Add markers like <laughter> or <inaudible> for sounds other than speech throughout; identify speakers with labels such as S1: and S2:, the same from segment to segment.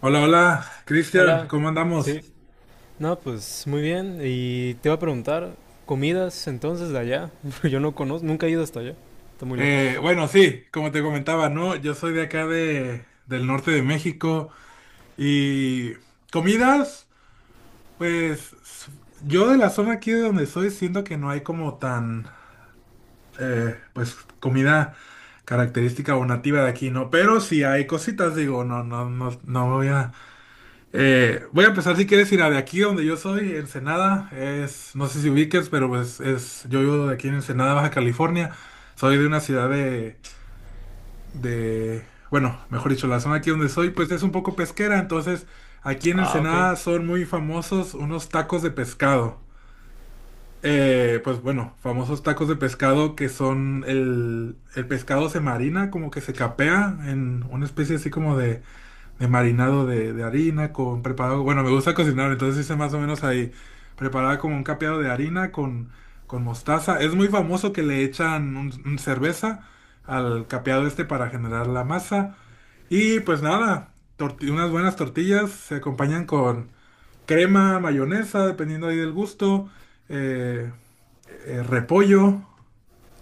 S1: Hola, hola, Cristian,
S2: Hola,
S1: ¿cómo andamos?
S2: sí. No, pues muy bien. Y te iba a preguntar, comidas entonces de allá. <laughs> Yo no conozco, nunca he ido hasta allá. Está muy lejos.
S1: Bueno, sí, como te comentaba, ¿no? Yo soy de acá del norte de México y comidas, pues s- yo de la zona aquí de donde soy siento que no hay como tan, pues comida característica o nativa de aquí, ¿no? Pero sí hay cositas, digo, no, no, no, voy a empezar si quieres ir a de aquí donde yo soy, Ensenada, es, no sé si ubiques, pero pues es, yo vivo de aquí en Ensenada, Baja California, soy de una ciudad de, bueno, mejor dicho, la zona aquí donde soy, pues es un poco pesquera, entonces aquí en
S2: Ah, ok.
S1: Ensenada son muy famosos unos tacos de pescado. Bueno, famosos tacos de pescado que son el pescado se marina, como que se capea en una especie así como de marinado de harina con preparado. Bueno, me gusta cocinar, entonces hice más o menos ahí preparaba como un capeado de harina con mostaza. Es muy famoso que le echan un cerveza al capeado este para generar la masa. Y pues nada, unas buenas tortillas se acompañan con crema, mayonesa, dependiendo ahí del gusto, eh, repollo,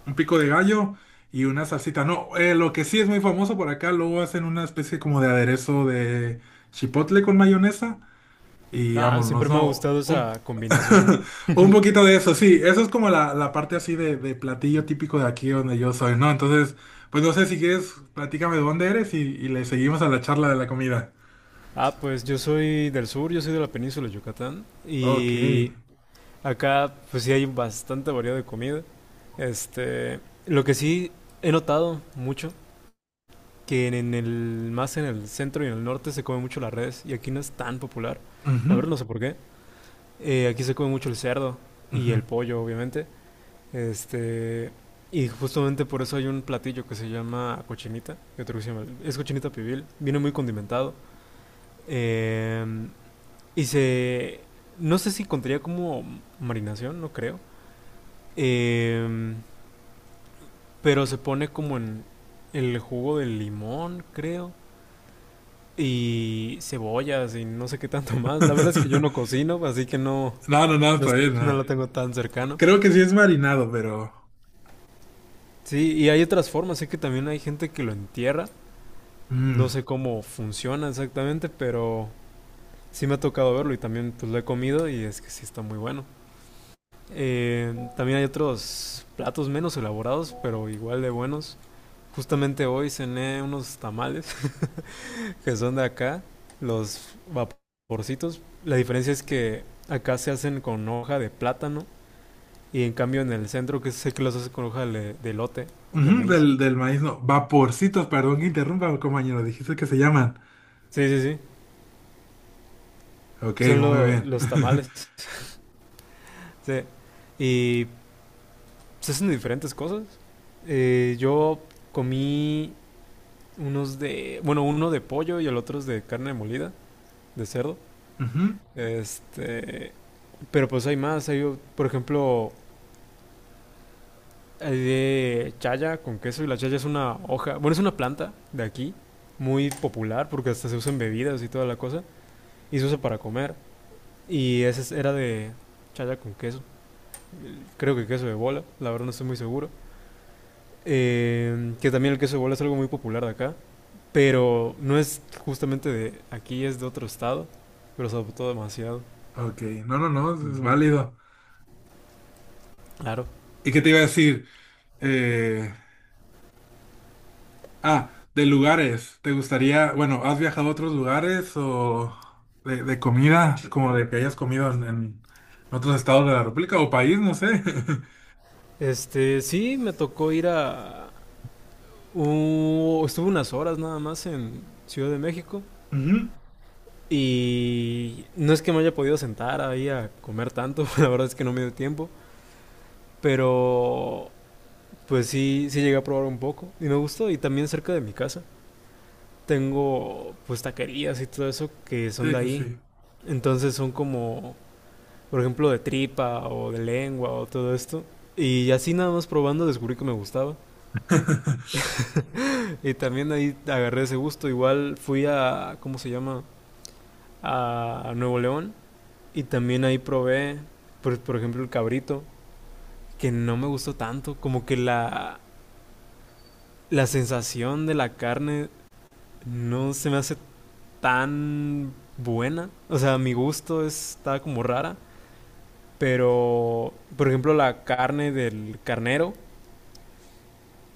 S1: un pico de gallo y una salsita. No, lo que sí es muy famoso por acá, luego hacen una especie como de aderezo de chipotle con mayonesa y
S2: Ah,
S1: vámonos,
S2: siempre me ha
S1: ¿no?
S2: gustado
S1: Un,
S2: esa combinación.
S1: <laughs> un poquito de eso, sí, eso es como la parte así de platillo típico de aquí donde yo soy, ¿no? Entonces, pues no sé si quieres, platícame de dónde eres y le seguimos a la charla de la comida.
S2: Ah, pues yo soy del sur, yo soy de la península de Yucatán.
S1: Ok.
S2: Y acá, pues sí hay bastante variedad de comida. Este, lo que sí he notado mucho, que en el, más en el centro y en el norte se come mucho la res. Y aquí no es tan popular. La
S1: Ujú,
S2: verdad no sé por qué. Aquí se come mucho el cerdo y
S1: ujú.
S2: el pollo, obviamente. Este, y justamente por eso hay un platillo que se llama cochinita, que otro que se llama, es cochinita pibil, viene muy condimentado. Eh, y se, no sé si contaría como marinación, no creo. Eh, pero se pone como en el jugo del limón, creo. Y cebollas y no sé qué tanto <laughs> más. La verdad es que yo no
S1: <laughs>
S2: cocino, así que no,
S1: No, no, no,
S2: no,
S1: está bien,
S2: no lo
S1: nada.
S2: tengo tan cercano.
S1: Creo que sí es marinado, pero...
S2: Sí, y hay otras formas, sé que también hay gente que lo entierra, no
S1: Mm.
S2: sé cómo funciona exactamente, pero sí me ha tocado verlo y también pues lo he comido y es que sí está muy bueno. También hay otros platos menos elaborados, pero igual de buenos. Justamente hoy cené unos tamales <laughs> que son de acá, los vaporcitos. La diferencia es que acá se hacen con hoja de plátano y en cambio en el centro que sé que los hacen con hoja de elote, de
S1: Ujú,
S2: maíz.
S1: del maíz, no, vaporcitos, perdón que interrumpa, compañero, dijiste que se llaman.
S2: Sí, sí, sí.
S1: Ok,
S2: Son
S1: muy bien.
S2: los
S1: <laughs>
S2: tamales. Sí. Y se hacen de diferentes cosas. Yo comí unos de, bueno, uno de pollo y el otro es de carne molida, de cerdo.
S1: Ujú,
S2: Este, pero pues hay más, hay, por ejemplo, hay de chaya con queso y la chaya es una hoja, bueno, es una planta de aquí, muy popular porque hasta se usa en bebidas y toda la cosa, y se usa para comer. Y era de chaya con queso, creo que queso de bola, la verdad no estoy muy seguro. Que también el queso de bola es algo muy popular de acá, pero no es justamente de aquí, es de otro estado, pero se adoptó demasiado.
S1: ok, no, no, no, es válido.
S2: Claro.
S1: ¿Y qué te iba a decir? Eh, ah, de lugares, ¿te gustaría, bueno, has viajado a otros lugares o de comida, como de que hayas comido en otros estados de la República o país, no sé? <laughs>
S2: Este, sí, me tocó ir a... estuve unas horas nada más en Ciudad de México
S1: Ujú,
S2: y no es que me haya podido sentar ahí a comer tanto, <laughs> la verdad es que no me dio tiempo, pero pues sí, sí llegué a probar un poco y me gustó y también cerca de mi casa tengo pues taquerías y todo eso que son
S1: sí,
S2: de
S1: sí,
S2: ahí.
S1: sí.
S2: Entonces son como, por ejemplo, de tripa o de lengua o todo esto. Y así nada más probando descubrí que me gustaba.
S1: <laughs>
S2: Y también ahí agarré ese gusto. Igual fui a, ¿cómo se llama? A Nuevo León. Y también ahí probé, por ejemplo, el cabrito, que no me gustó tanto. Como que la sensación de la carne no se me hace tan buena. O sea, mi gusto está como rara. Pero, por ejemplo, la carne del carnero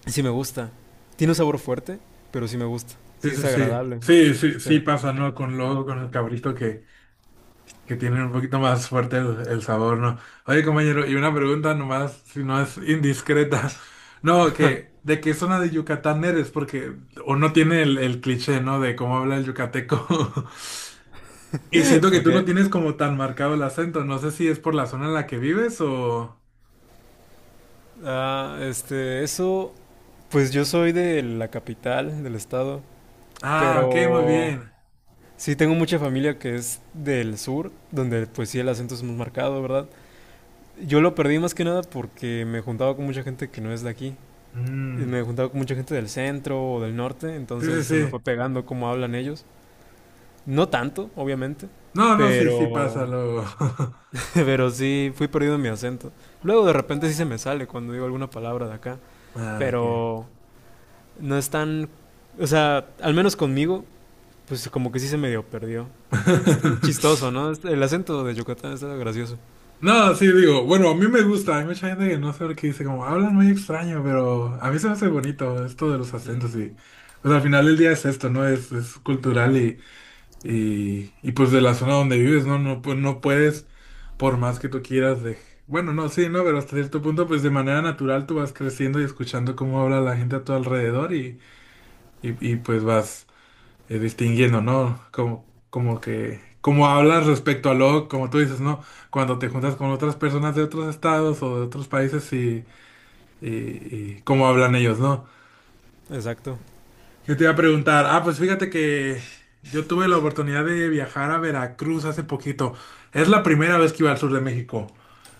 S2: sí me gusta. Tiene un sabor fuerte, pero sí me gusta.
S1: Sí,
S2: Sí
S1: sí,
S2: es
S1: sí.
S2: agradable.
S1: Sí, sí,
S2: Sí.
S1: sí pasa, ¿no? Con luego con el cabrito que tienen un poquito más fuerte el sabor, ¿no? Oye, compañero, y una pregunta nomás, si no es indiscreta. <laughs> No, que ¿de qué zona de Yucatán eres? Porque uno tiene el cliché, ¿no? De cómo habla el yucateco. <laughs> Y siento que tú no
S2: Porque,
S1: tienes como tan marcado el acento. No sé si es por la zona en la que vives o...
S2: ah, este, eso, pues yo soy de la capital del estado,
S1: Ah, ok, muy
S2: pero
S1: bien.
S2: sí tengo mucha familia que es del sur, donde pues sí el acento es muy marcado, ¿verdad? Yo lo perdí más que nada porque me juntaba con mucha gente que no es de aquí. Y
S1: Mm,
S2: me juntaba con mucha gente del centro o del norte,
S1: sí, sí,
S2: entonces se me fue
S1: sí.
S2: pegando cómo hablan ellos. No tanto, obviamente,
S1: No, no, sí, sí pasa
S2: pero
S1: luego. <laughs>
S2: <laughs> pero sí, fui perdido en mi acento. Luego de repente sí se me sale cuando digo alguna palabra de acá.
S1: Ah, ok.
S2: Pero no es tan... O sea, al menos conmigo, pues como que sí se medio perdió. Aunque está chistoso,
S1: <laughs>
S2: ¿no? Este- el acento de Yucatán está gracioso.
S1: No, sí, digo, bueno, a mí me gusta, hay mucha gente que no sabe qué dice, como hablan muy extraño, pero a mí se me hace bonito esto de los acentos y pues al final del día es esto, ¿no? Es cultural y pues de la zona donde vives, ¿no? No, no puedes, por más que tú quieras, de... Bueno, no, sí, ¿no? Pero hasta cierto punto, pues de manera natural tú vas creciendo y escuchando cómo habla la gente a tu alrededor y pues vas distinguiendo, ¿no? Como, como que, como hablas respecto a lo, como tú dices, ¿no? Cuando te juntas con otras personas de otros estados o de otros países y cómo hablan ellos, ¿no?
S2: Exacto.
S1: Yo te iba a preguntar, pues fíjate que yo tuve la oportunidad de viajar a Veracruz hace poquito. Es la primera vez que iba al sur de México.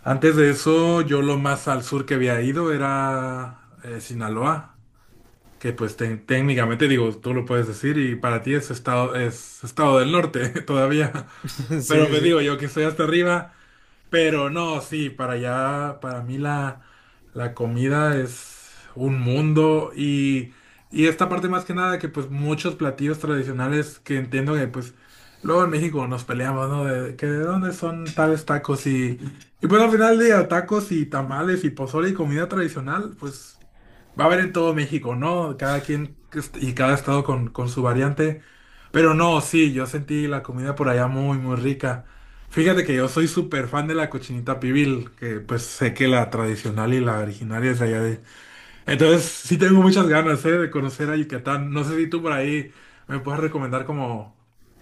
S1: Antes de eso, yo lo más al sur que había ido era Sinaloa. Que pues técnicamente digo, tú lo puedes decir y para ti es estado del norte <laughs> todavía.
S2: <laughs> Sí,
S1: Pero
S2: sí,
S1: pues
S2: sí.
S1: digo yo que estoy hasta arriba. Pero no, sí, para allá, para mí la comida es un mundo. Y esta parte más que nada que pues muchos platillos tradicionales que entiendo que pues luego en México nos peleamos, ¿no? De que de dónde son tales tacos y pues al final del día tacos y tamales y pozole y comida tradicional, pues... Va a haber en todo México, ¿no? Cada quien y cada estado con su variante. Pero no, sí, yo sentí la comida por allá muy, muy rica. Fíjate que yo soy súper fan de la cochinita pibil, que pues sé que la tradicional y la originaria es de allá de... Entonces sí tengo muchas ganas, ¿eh? De conocer a Yucatán. No sé si tú por ahí me puedes recomendar como...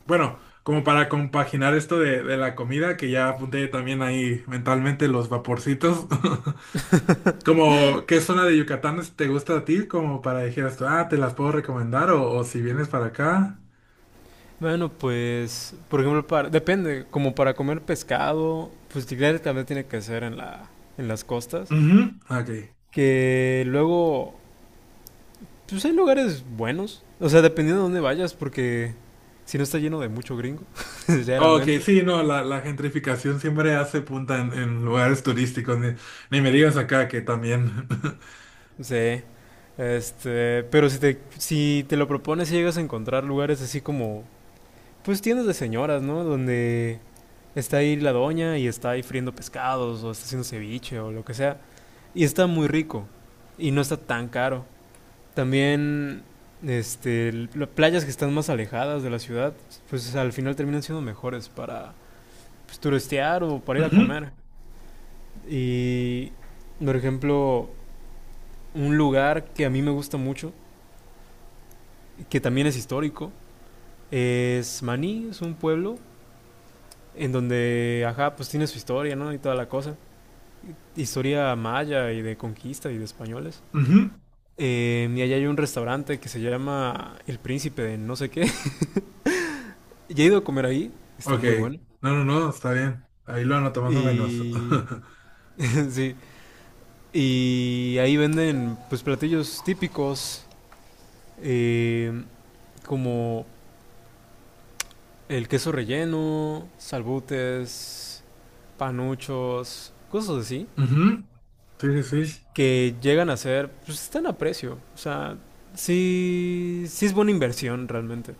S1: Bueno, como para compaginar esto de la comida, que ya apunté también ahí mentalmente los vaporcitos. <laughs> Como, ¿qué zona de Yucatán te gusta a ti? Como para dijeras tú, ah, te las puedo recomendar o si vienes para acá.
S2: Bueno, pues, por ejemplo, para, depende, como para comer pescado, pues claro, también tiene que ser en en las costas,
S1: Ujú. Ok.
S2: que luego pues hay lugares buenos. O sea, dependiendo de dónde vayas, porque si no está lleno de mucho gringo, <laughs>
S1: Ok,
S2: sinceramente.
S1: sí, no, la gentrificación siempre hace punta en lugares turísticos. Ni, ni me digas acá que también. <laughs>
S2: Sí. Este, pero si te lo propones, si llegas a encontrar lugares así como, pues tiendas de señoras, ¿no? Donde está ahí la doña y está ahí friendo pescados o está haciendo ceviche o lo que sea. Y está muy rico y no está tan caro. También, este, las playas que están más alejadas de la ciudad, pues al final terminan siendo mejores para, pues, turistear o para ir a
S1: Ujú,
S2: comer. Y, por ejemplo, un lugar que a mí me gusta mucho, que también es histórico, es Maní, es un pueblo en donde, ajá, pues tiene su historia, ¿no? Y toda la cosa. Historia maya y de conquista y de españoles.
S1: ujú,
S2: Y allá hay un restaurante que se llama El Príncipe de no sé qué. <laughs> Ya he ido a comer ahí, está
S1: ok.
S2: muy bueno.
S1: No, no, no, está bien. Ahí lo anoto más o menos. <laughs>
S2: Y... <laughs> sí. Y ahí venden pues platillos típicos eh, como el queso relleno, salbutes, panuchos, cosas así,
S1: Ujú, sí, sí, sí.
S2: que llegan a ser, pues están a precio. O sea, sí, sí es buena inversión realmente.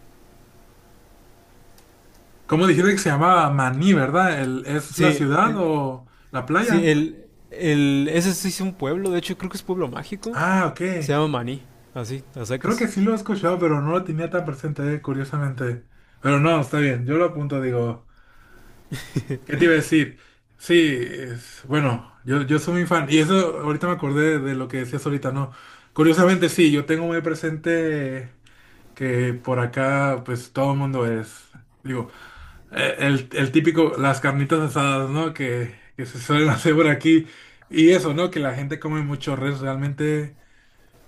S1: ¿Cómo dijiste que se llamaba Maní, verdad? El, ¿es la
S2: Sí,
S1: ciudad o la
S2: sí,
S1: playa?
S2: ese sí es un pueblo, de hecho creo que es pueblo mágico.
S1: Ah, ok.
S2: Se llama Maní, así, a
S1: Creo
S2: secas.
S1: que sí lo he escuchado, pero no lo tenía tan presente, curiosamente. Pero no, está bien, yo lo apunto, digo, ¿qué te iba a decir? Sí, bueno, yo soy muy fan. Y eso, ahorita me acordé de lo que decías ahorita, ¿no? Curiosamente, sí, yo tengo muy presente que por acá, pues todo el mundo es, digo, el típico, las carnitas asadas, ¿no? Que se suelen <laughs> hacer por aquí. Y eso, ¿no? Que la gente come mucho res, realmente.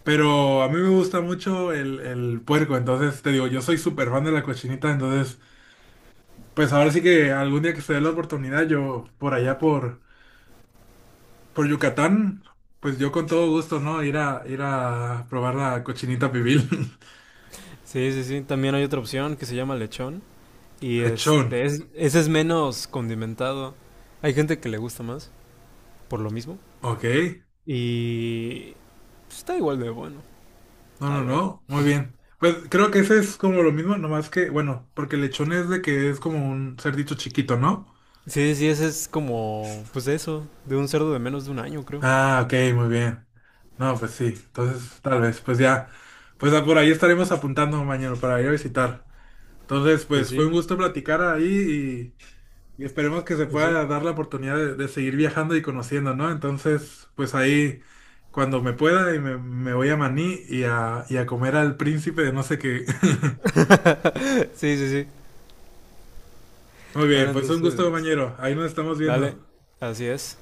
S1: Pero a mí me gusta mucho el puerco, entonces te digo, yo soy súper fan de la cochinita, entonces pues ahora sí que algún día que se dé la oportunidad, yo por allá por Yucatán, pues yo con todo gusto, ¿no? Ir a, ir a probar la cochinita pibil.
S2: Sí, sí, sí, también hay otra opción que se llama lechón. Y
S1: <laughs> Lechón,
S2: este, ese es menos condimentado. Hay gente que le gusta más, por lo mismo.
S1: ok.
S2: Y pues, está igual de bueno,
S1: No,
S2: la
S1: no,
S2: verdad.
S1: no, muy bien. Pues creo que ese es como lo mismo, nomás que, bueno, porque lechón es de que es como un cerdito chiquito, ¿no?
S2: Sí, sí, ese es como, pues de eso, de un cerdo de menos de un año, creo.
S1: Ah, ok, muy bien. No, pues sí, entonces tal vez, pues ya, por ahí estaremos apuntando mañana para ir a visitar. Entonces,
S2: Pues
S1: pues fue un
S2: sí,
S1: gusto platicar ahí y esperemos que se
S2: pues sí.
S1: pueda dar la oportunidad de seguir viajando y conociendo, ¿no? Entonces, pues ahí, cuando me pueda, y me voy a Maní y a comer al príncipe de no sé qué.
S2: <laughs> Sí, sí, sí.
S1: <laughs> Muy bien,
S2: Bueno,
S1: pues un gusto,
S2: entonces,
S1: compañero. Ahí nos estamos
S2: dale,
S1: viendo.
S2: así es.